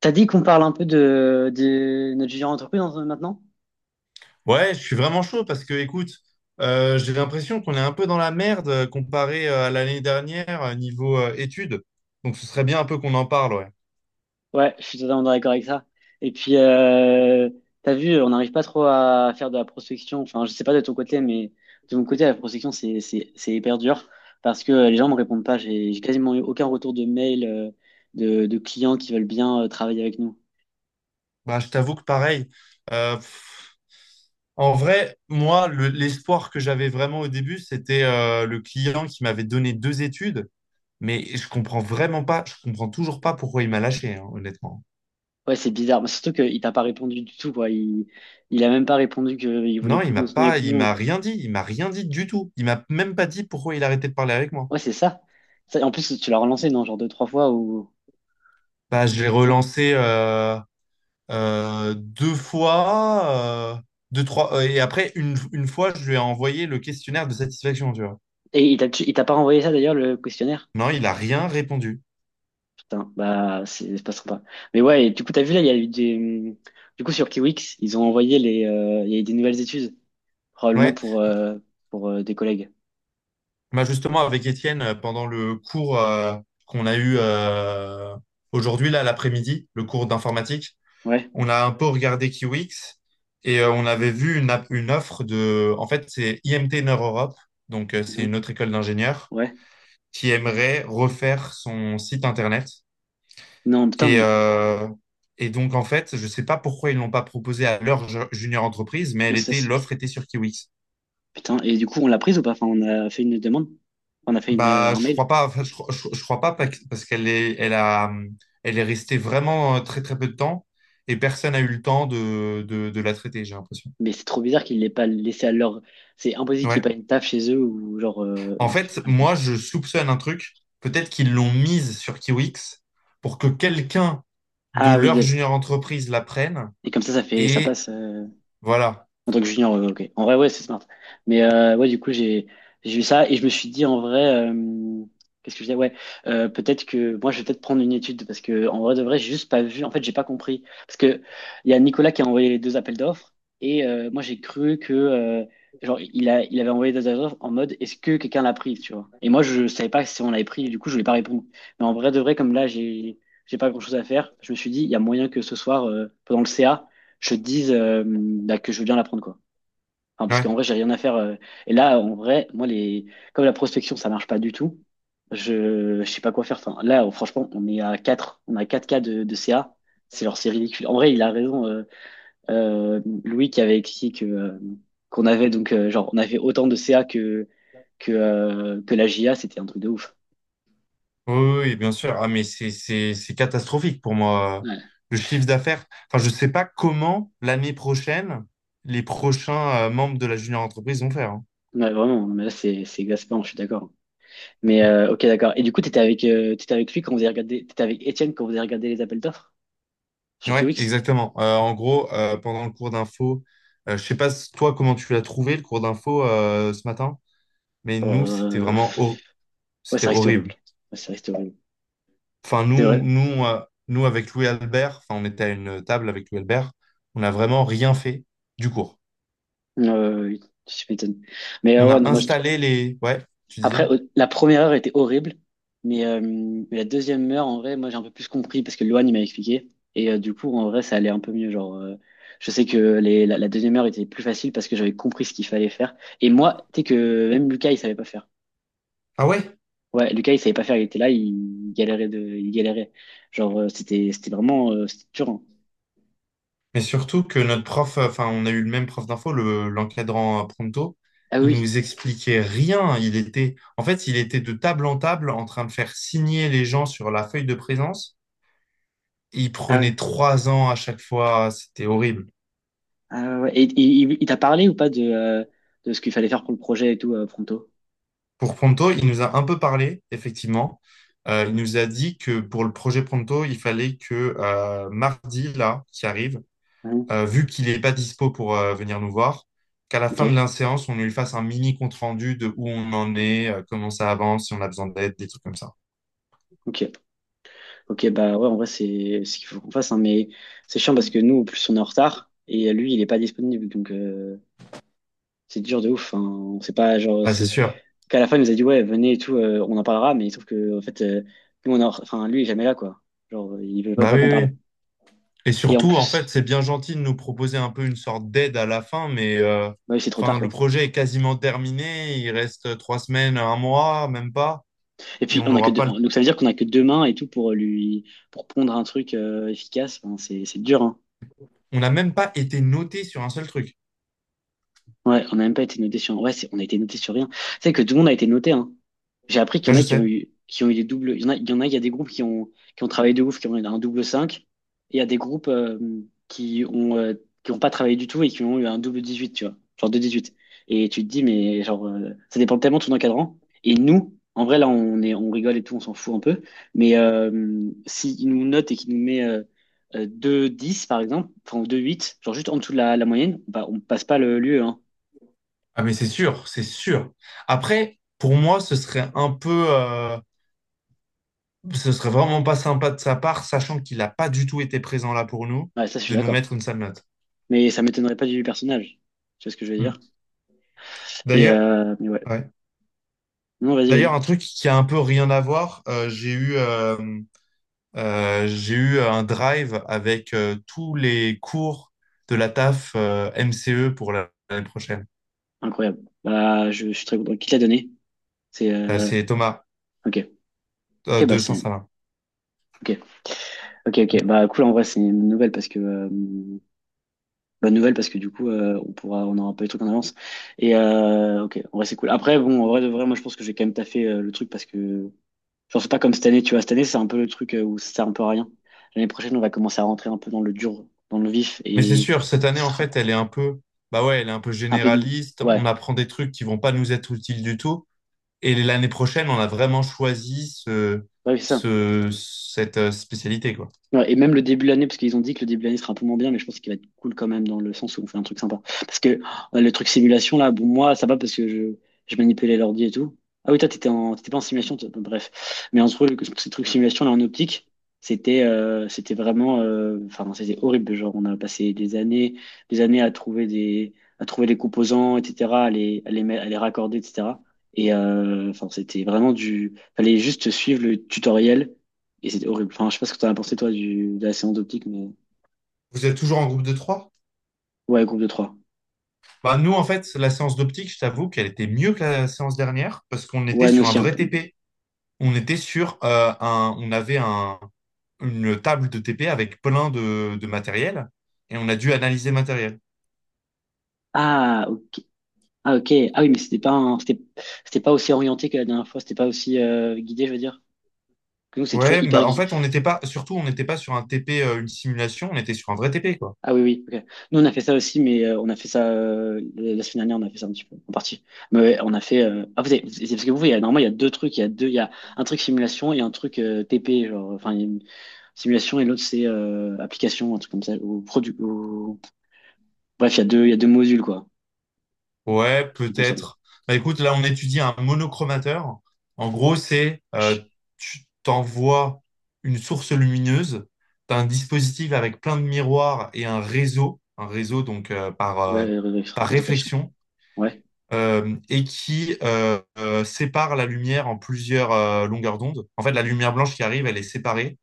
T'as dit qu'on parle un peu de notre future entreprise maintenant? Ouais, je suis vraiment chaud parce que, écoute, j'ai l'impression qu'on est un peu dans la merde comparé à l'année dernière niveau études. Donc, ce serait bien un peu qu'on en parle, ouais. Ouais, je suis totalement d'accord avec ça. Et puis, t'as vu, on n'arrive pas trop à faire de la prospection. Enfin, je sais pas de ton côté, mais de mon côté, la prospection, c'est hyper dur parce que les gens me répondent pas. J'ai quasiment eu aucun retour de mail, de clients qui veulent bien travailler avec nous. Bah, je t'avoue que pareil. euh, pff, En vrai, moi, l'espoir que j'avais vraiment au début, c'était le client qui m'avait donné deux études, mais je comprends vraiment pas, je comprends toujours pas pourquoi il m'a lâché, hein, honnêtement. Ouais, c'est bizarre. Mais surtout qu'il t'a pas répondu du tout, quoi. Il a même pas répondu qu'il voulait Non, plus continuer avec il nous. m'a rien dit du tout. Il m'a même pas dit pourquoi il arrêtait de parler avec moi. Ouais, c'est ça. Ça, en plus, tu l'as relancé, non? Genre deux, trois fois ou. Bah, je l'ai relancé. Deux fois, deux, trois, et après, une fois, je lui ai envoyé le questionnaire de satisfaction, tu vois. Et il t'a pas renvoyé ça d'ailleurs, le questionnaire? Non, il a rien répondu. Putain, bah c'est pas sympa. Mais ouais, et du coup, t'as vu là, il y a eu des. Du coup, sur Kiwix, ils ont envoyé les. Il y a eu des nouvelles études, probablement Ouais. pour des collègues. Bah, justement, avec Étienne, pendant le cours qu'on a eu aujourd'hui, là, l'après-midi, le cours d'informatique, Ouais. on a un peu regardé Kiwix et on avait vu une offre de. En fait, c'est IMT Nord Europe, donc c'est une Mhm. autre école d'ingénieurs Ouais. qui aimerait refaire son site internet. Non, putain, Et, mais. euh, et donc, en fait, je ne sais pas pourquoi ils ne l'ont pas proposé à leur junior entreprise, mais Ouais, ça, c'est bizarre. l'offre était sur Kiwix. Putain, et du coup, on l'a prise ou pas? Enfin, on a fait une demande. On a fait une, euh, Bah, un je mail. crois pas, enfin, je crois pas parce qu'elle est, elle a, elle est restée vraiment très très peu de temps et personne n'a eu le temps de la traiter, j'ai l'impression. Mais c'est trop bizarre qu'ils l'aient pas laissé à leur. C'est impossible qu'il n'y Ouais. ait pas une taf chez eux ou genre. En fait, moi, je soupçonne un truc. Peut-être qu'ils l'ont mise sur Kiwix pour que quelqu'un de Ah oui, leur junior entreprise la prenne et comme ça fait. Ça et passe. Voilà. En tant que junior, ouais, ok. En vrai, ouais, c'est smart. Mais ouais, du coup, j'ai eu ça et je me suis dit en vrai, euh, qu'est-ce que je disais? Ouais, peut-être que moi, je vais peut-être prendre une étude parce que en vrai de vrai, j'ai juste pas vu. En fait, j'ai pas compris parce que il y a Nicolas qui a envoyé les deux appels d'offres et moi, j'ai cru que genre il avait envoyé des appels d'offres en mode est-ce que quelqu'un l'a pris, tu vois? Et moi, je savais pas si on l'avait pris. Du coup, je voulais pas répondre. Mais en vrai de vrai, comme là, j'ai pas grand-chose à faire, je me suis dit il y a moyen que ce soir pendant le CA je te dise bah, que je veux bien l'apprendre, quoi. Enfin, parce qu'en Ouais. vrai, j'ai rien à faire. Et là, en vrai, moi, les, comme la prospection, ça marche pas du tout, je sais pas quoi faire. Enfin, là, oh, franchement, on est à 4. On a 4 cas de CA. C'est genre, c'est ridicule. En vrai, il a raison, Louis, qui avait écrit que, qu'on avait donc, genre, on avait autant de CA que la JA, c'était un truc de ouf. Oui, oui, oui, bien sûr. Ah, mais c'est catastrophique pour moi. Ouais, Le chiffre d'affaires. Enfin, je sais pas comment l'année prochaine, les prochains membres de la junior entreprise vont faire, hein. ouais, vraiment, mais là, c'est exaspérant, je suis d'accord. Mais Mm. Ok, d'accord. Et du coup, t'étais avec lui quand vous avez regardé, t'étais avec Étienne quand vous avez regardé les appels d'offres sur Ouais, Kiwix? exactement. En gros, pendant le cours d'info, je sais pas toi comment tu l'as trouvé le cours d'info ce matin, mais nous c'était Bon, vraiment ouais, c'était ça reste horrible. horrible. Ouais, ça reste horrible. Enfin C'est vrai. Nous avec Louis Albert, enfin on était à une table avec Louis Albert, on n'a vraiment rien fait du cours. Oui, je m'étonne. Mais On ouais, a non, moi, je trouve- installé les, ouais, tu Après, disais? La première heure était horrible, mais la deuxième heure, en vrai, moi, j'ai un peu plus compris parce que Loane, il m'a expliqué. Et du coup, en vrai, ça allait un peu mieux. Genre, je sais que la deuxième heure était plus facile parce que j'avais compris ce qu'il fallait faire. Et moi, tu sais que même Lucas, il savait pas faire. Ah ouais? Ouais, Lucas, il savait pas faire, il était là, il galérait. Genre, c'était vraiment, c'était dur. Hein. Mais surtout que notre prof, enfin, on a eu le même prof d'info, l'encadrant Pronto, Ah il oui, nous expliquait rien. En fait, il était de table en table en train de faire signer les gens sur la feuille de présence. Il ah ouais, prenait trois ans à chaque fois. C'était horrible. ah ouais. Ouais. Et il t'a parlé ou pas de ce qu'il fallait faire pour le projet et tout, Pronto? Pour Pronto, il nous a un peu parlé, effectivement. Il nous a dit que pour le projet Pronto, il fallait que mardi, là, qui arrive, Hein. Vu qu'il n'est pas dispo pour venir nous voir, qu'à la fin de Ok, la séance, on lui fasse un mini compte-rendu de où on en est, comment ça avance, si on a besoin d'aide, des trucs comme ça. ok, ok. Bah ouais, en vrai, c'est ce qu'il faut qu'on fasse, hein, mais c'est chiant parce que nous, en plus, on est en retard et lui, il est pas disponible, donc c'est dur de ouf. Hein. On sait pas, genre, Ah, c'est c'est sûr. qu'à la fin, il nous a dit ouais, venez et tout, on en parlera, mais sauf que en fait, nous, enfin, lui, il est jamais là, quoi. Genre, il veut pas Bah pas oui, qu'on oui, oui. parle. Et Et en surtout, en fait, plus. c'est bien gentil de nous proposer un peu une sorte d'aide à la fin, mais Ouais, c'est trop tard, enfin, le quoi. projet est quasiment terminé. Il reste trois semaines, un mois, même pas. Et Et puis, on a que deux. Donc, ça veut dire qu'on a que deux mains et tout pour lui, pour pondre un truc efficace. Enfin, c'est dur, hein. on n'a même pas été noté sur un seul truc. Ouais, on n'a même pas été noté sur. Ouais, on a été noté sur rien. C'est que tout le monde a été noté, hein. J'ai appris qu'il y Ah, en a je qui ont sais. eu, qui ont eu des doubles. Il y en a, il y en a, il y a des groupes qui ont travaillé de ouf, qui ont eu un double cinq. Et il y a des groupes qui ont, euh, qui ont pas travaillé du tout et qui ont eu un double 18 tu vois. Genre de 18. Et tu te dis, mais genre, ça dépend tellement de ton encadrant. Et nous, en vrai, là, on est, on rigole et tout, on s'en fout un peu. Mais s'il nous note et qu'il nous met 2-10, par exemple, enfin, deux huit genre juste en dessous de la moyenne, bah, on passe pas le l'UE, Ah, mais c'est sûr, c'est sûr. Après, pour moi, ce serait un peu. Ce serait vraiment pas sympa de sa part, sachant qu'il n'a pas du tout été présent là pour nous, Ouais, ça, je suis de nous d'accord. mettre une sale note. Mais ça m'étonnerait pas du personnage. Tu vois ce que je veux dire? Mm. Et D'ailleurs, mais ouais. ouais. Non, vas-y, D'ailleurs, vas-y. un truc qui a un peu rien à voir, j'ai eu un drive avec tous les cours de la TAF MCE pour l'année prochaine. Incroyable. Bah, je suis très content. Qui te l'a donné? C'est C'est Thomas ok. Ok, bah de c'est Saint-Salin. ok. Ok, ok. Bah cool. En vrai, c'est une nouvelle parce que bonne nouvelle parce que du coup, on pourra, on aura pas peu les trucs en avance. Et ok. En vrai, c'est cool. Après, bon, en vrai de vrai, moi, je pense que j'ai quand même taffé le truc parce que genre c'est pas comme cette année. Tu vois, cette année, c'est un peu le truc où ça sert un peu à rien. L'année prochaine, on va commencer à rentrer un peu dans le dur, dans le vif Mais c'est et sûr, cette année, en fait, elle est un peu, bah ouais, elle est un peu c'est un peu une- généraliste. Ouais, On apprend des trucs qui vont pas nous être utiles du tout. Et l'année prochaine, on a vraiment choisi ouais, c'est ça. Cette spécialité, quoi. Ouais, et même le début de l'année, parce qu'ils ont dit que le début de l'année sera un peu moins bien, mais je pense qu'il va être cool quand même dans le sens où on fait un truc sympa. Parce que oh, le truc simulation, là, bon, moi, ça va parce que je manipulais l'ordi et tout. Ah oui, toi, t'étais pas en simulation, toi. Bon, bref. Mais en gros, ce truc simulation, là, en optique, c'était vraiment. Enfin, c'était horrible. Genre, on a passé des années à trouver les composants, etc., à les raccorder, etc. Et enfin, c'était vraiment du. Fallait juste suivre le tutoriel. Et c'était horrible. Enfin, je sais pas ce que t'en as pensé, toi, de la séance d'optique, mais. Vous êtes toujours en groupe de trois? Ouais, groupe de trois. Bah, nous, en fait, la séance d'optique, je t'avoue qu'elle était mieux que la séance dernière parce qu'on était Ouais, nous sur un aussi un vrai peu. TP. On était sur on avait une table de TP avec plein de matériel et on a dû analyser le matériel. Ah, ok. Ah, ok. Ah oui, mais c'était pas c'était pas aussi orienté que la dernière fois. C'était pas aussi guidé, je veux dire. Que nous, c'est toujours Ouais, hyper bah en guidé. fait, on n'était pas, surtout, on n'était pas sur un TP, une simulation, on était sur un vrai TP, quoi. Ah oui, oui, ok. Nous, on a fait ça aussi, mais on a fait ça la semaine dernière, on a fait ça un petit peu, en partie. Mais ouais, on a fait. Ah, c'est parce que vous, il y a, normalement, il y a deux trucs. Il y a un truc simulation et un truc TP, genre. Enfin, il y a une simulation et l'autre, c'est application, un truc comme ça. Ou produit. Ou. Bref, il y a deux modules, quoi. Ouais, J'ai pas peut-être. Bah écoute, là, on étudie un monochromateur. En gros, Wesh. tu t'envoies une source lumineuse, t'as un dispositif avec plein de miroirs et un réseau donc Ouais, par Resurrection. réflexion, Ouais. Et qui sépare la lumière en plusieurs longueurs d'onde. En fait, la lumière blanche qui arrive, elle est séparée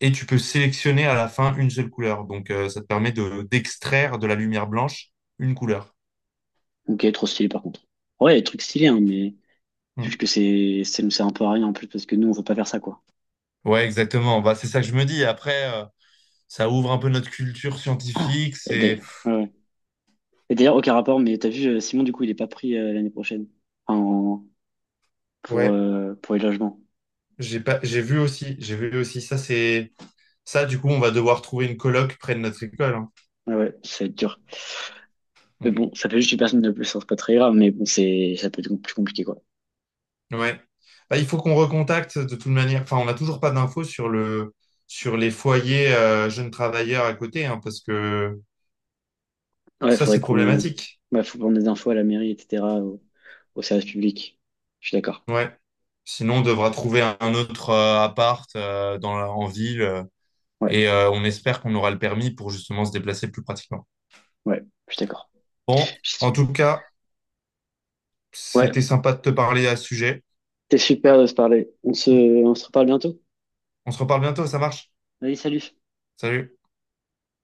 et tu peux sélectionner à la fin une seule couleur. Donc, ça te permet de d'extraire de la lumière blanche une couleur. Ok, trop stylé par contre. Ouais, des trucs stylés, hein, mais Hmm. juste que ça nous sert un peu à rien en plus parce que nous, on veut pas faire ça, quoi. Ouais, exactement. Bah, c'est ça que je me dis. Après, ça ouvre un peu notre culture Ah. scientifique. Et C'est d'ailleurs, ouais, ouais. Et d'ailleurs, aucun rapport, mais t'as vu, Simon, du coup, il est pas pris l'année prochaine en, pour, ouais. euh, pour les logements. J'ai pas, j'ai vu aussi, j'ai vu aussi. Ça, c'est ça. Du coup, on va devoir trouver une coloc près de notre école, hein. Ouais, ouais, ça va être dur. Mais bon, ça fait juste une personne de plus, hein, c'est pas très grave, mais bon, ça peut être plus compliqué, quoi. Hmm. Ouais. Bah, il faut qu'on recontacte de toute manière. Enfin, on n'a toujours pas d'infos sur le sur les foyers jeunes travailleurs à côté, hein, parce que Ouais, ça, faudrait c'est qu'on, problématique. ouais, faut prendre des infos à la mairie, etc., au service public. Je suis d'accord. Ouais. Sinon, on devra trouver un autre appart en ville Ouais, et on espère qu'on aura le permis pour justement se déplacer plus pratiquement. ouais, je suis d'accord. Bon, en tout cas, c'était Ouais, sympa de te parler à ce sujet. c'était super de se parler. On se reparle bientôt. On se reparle bientôt, ça marche? Allez, salut. Salut.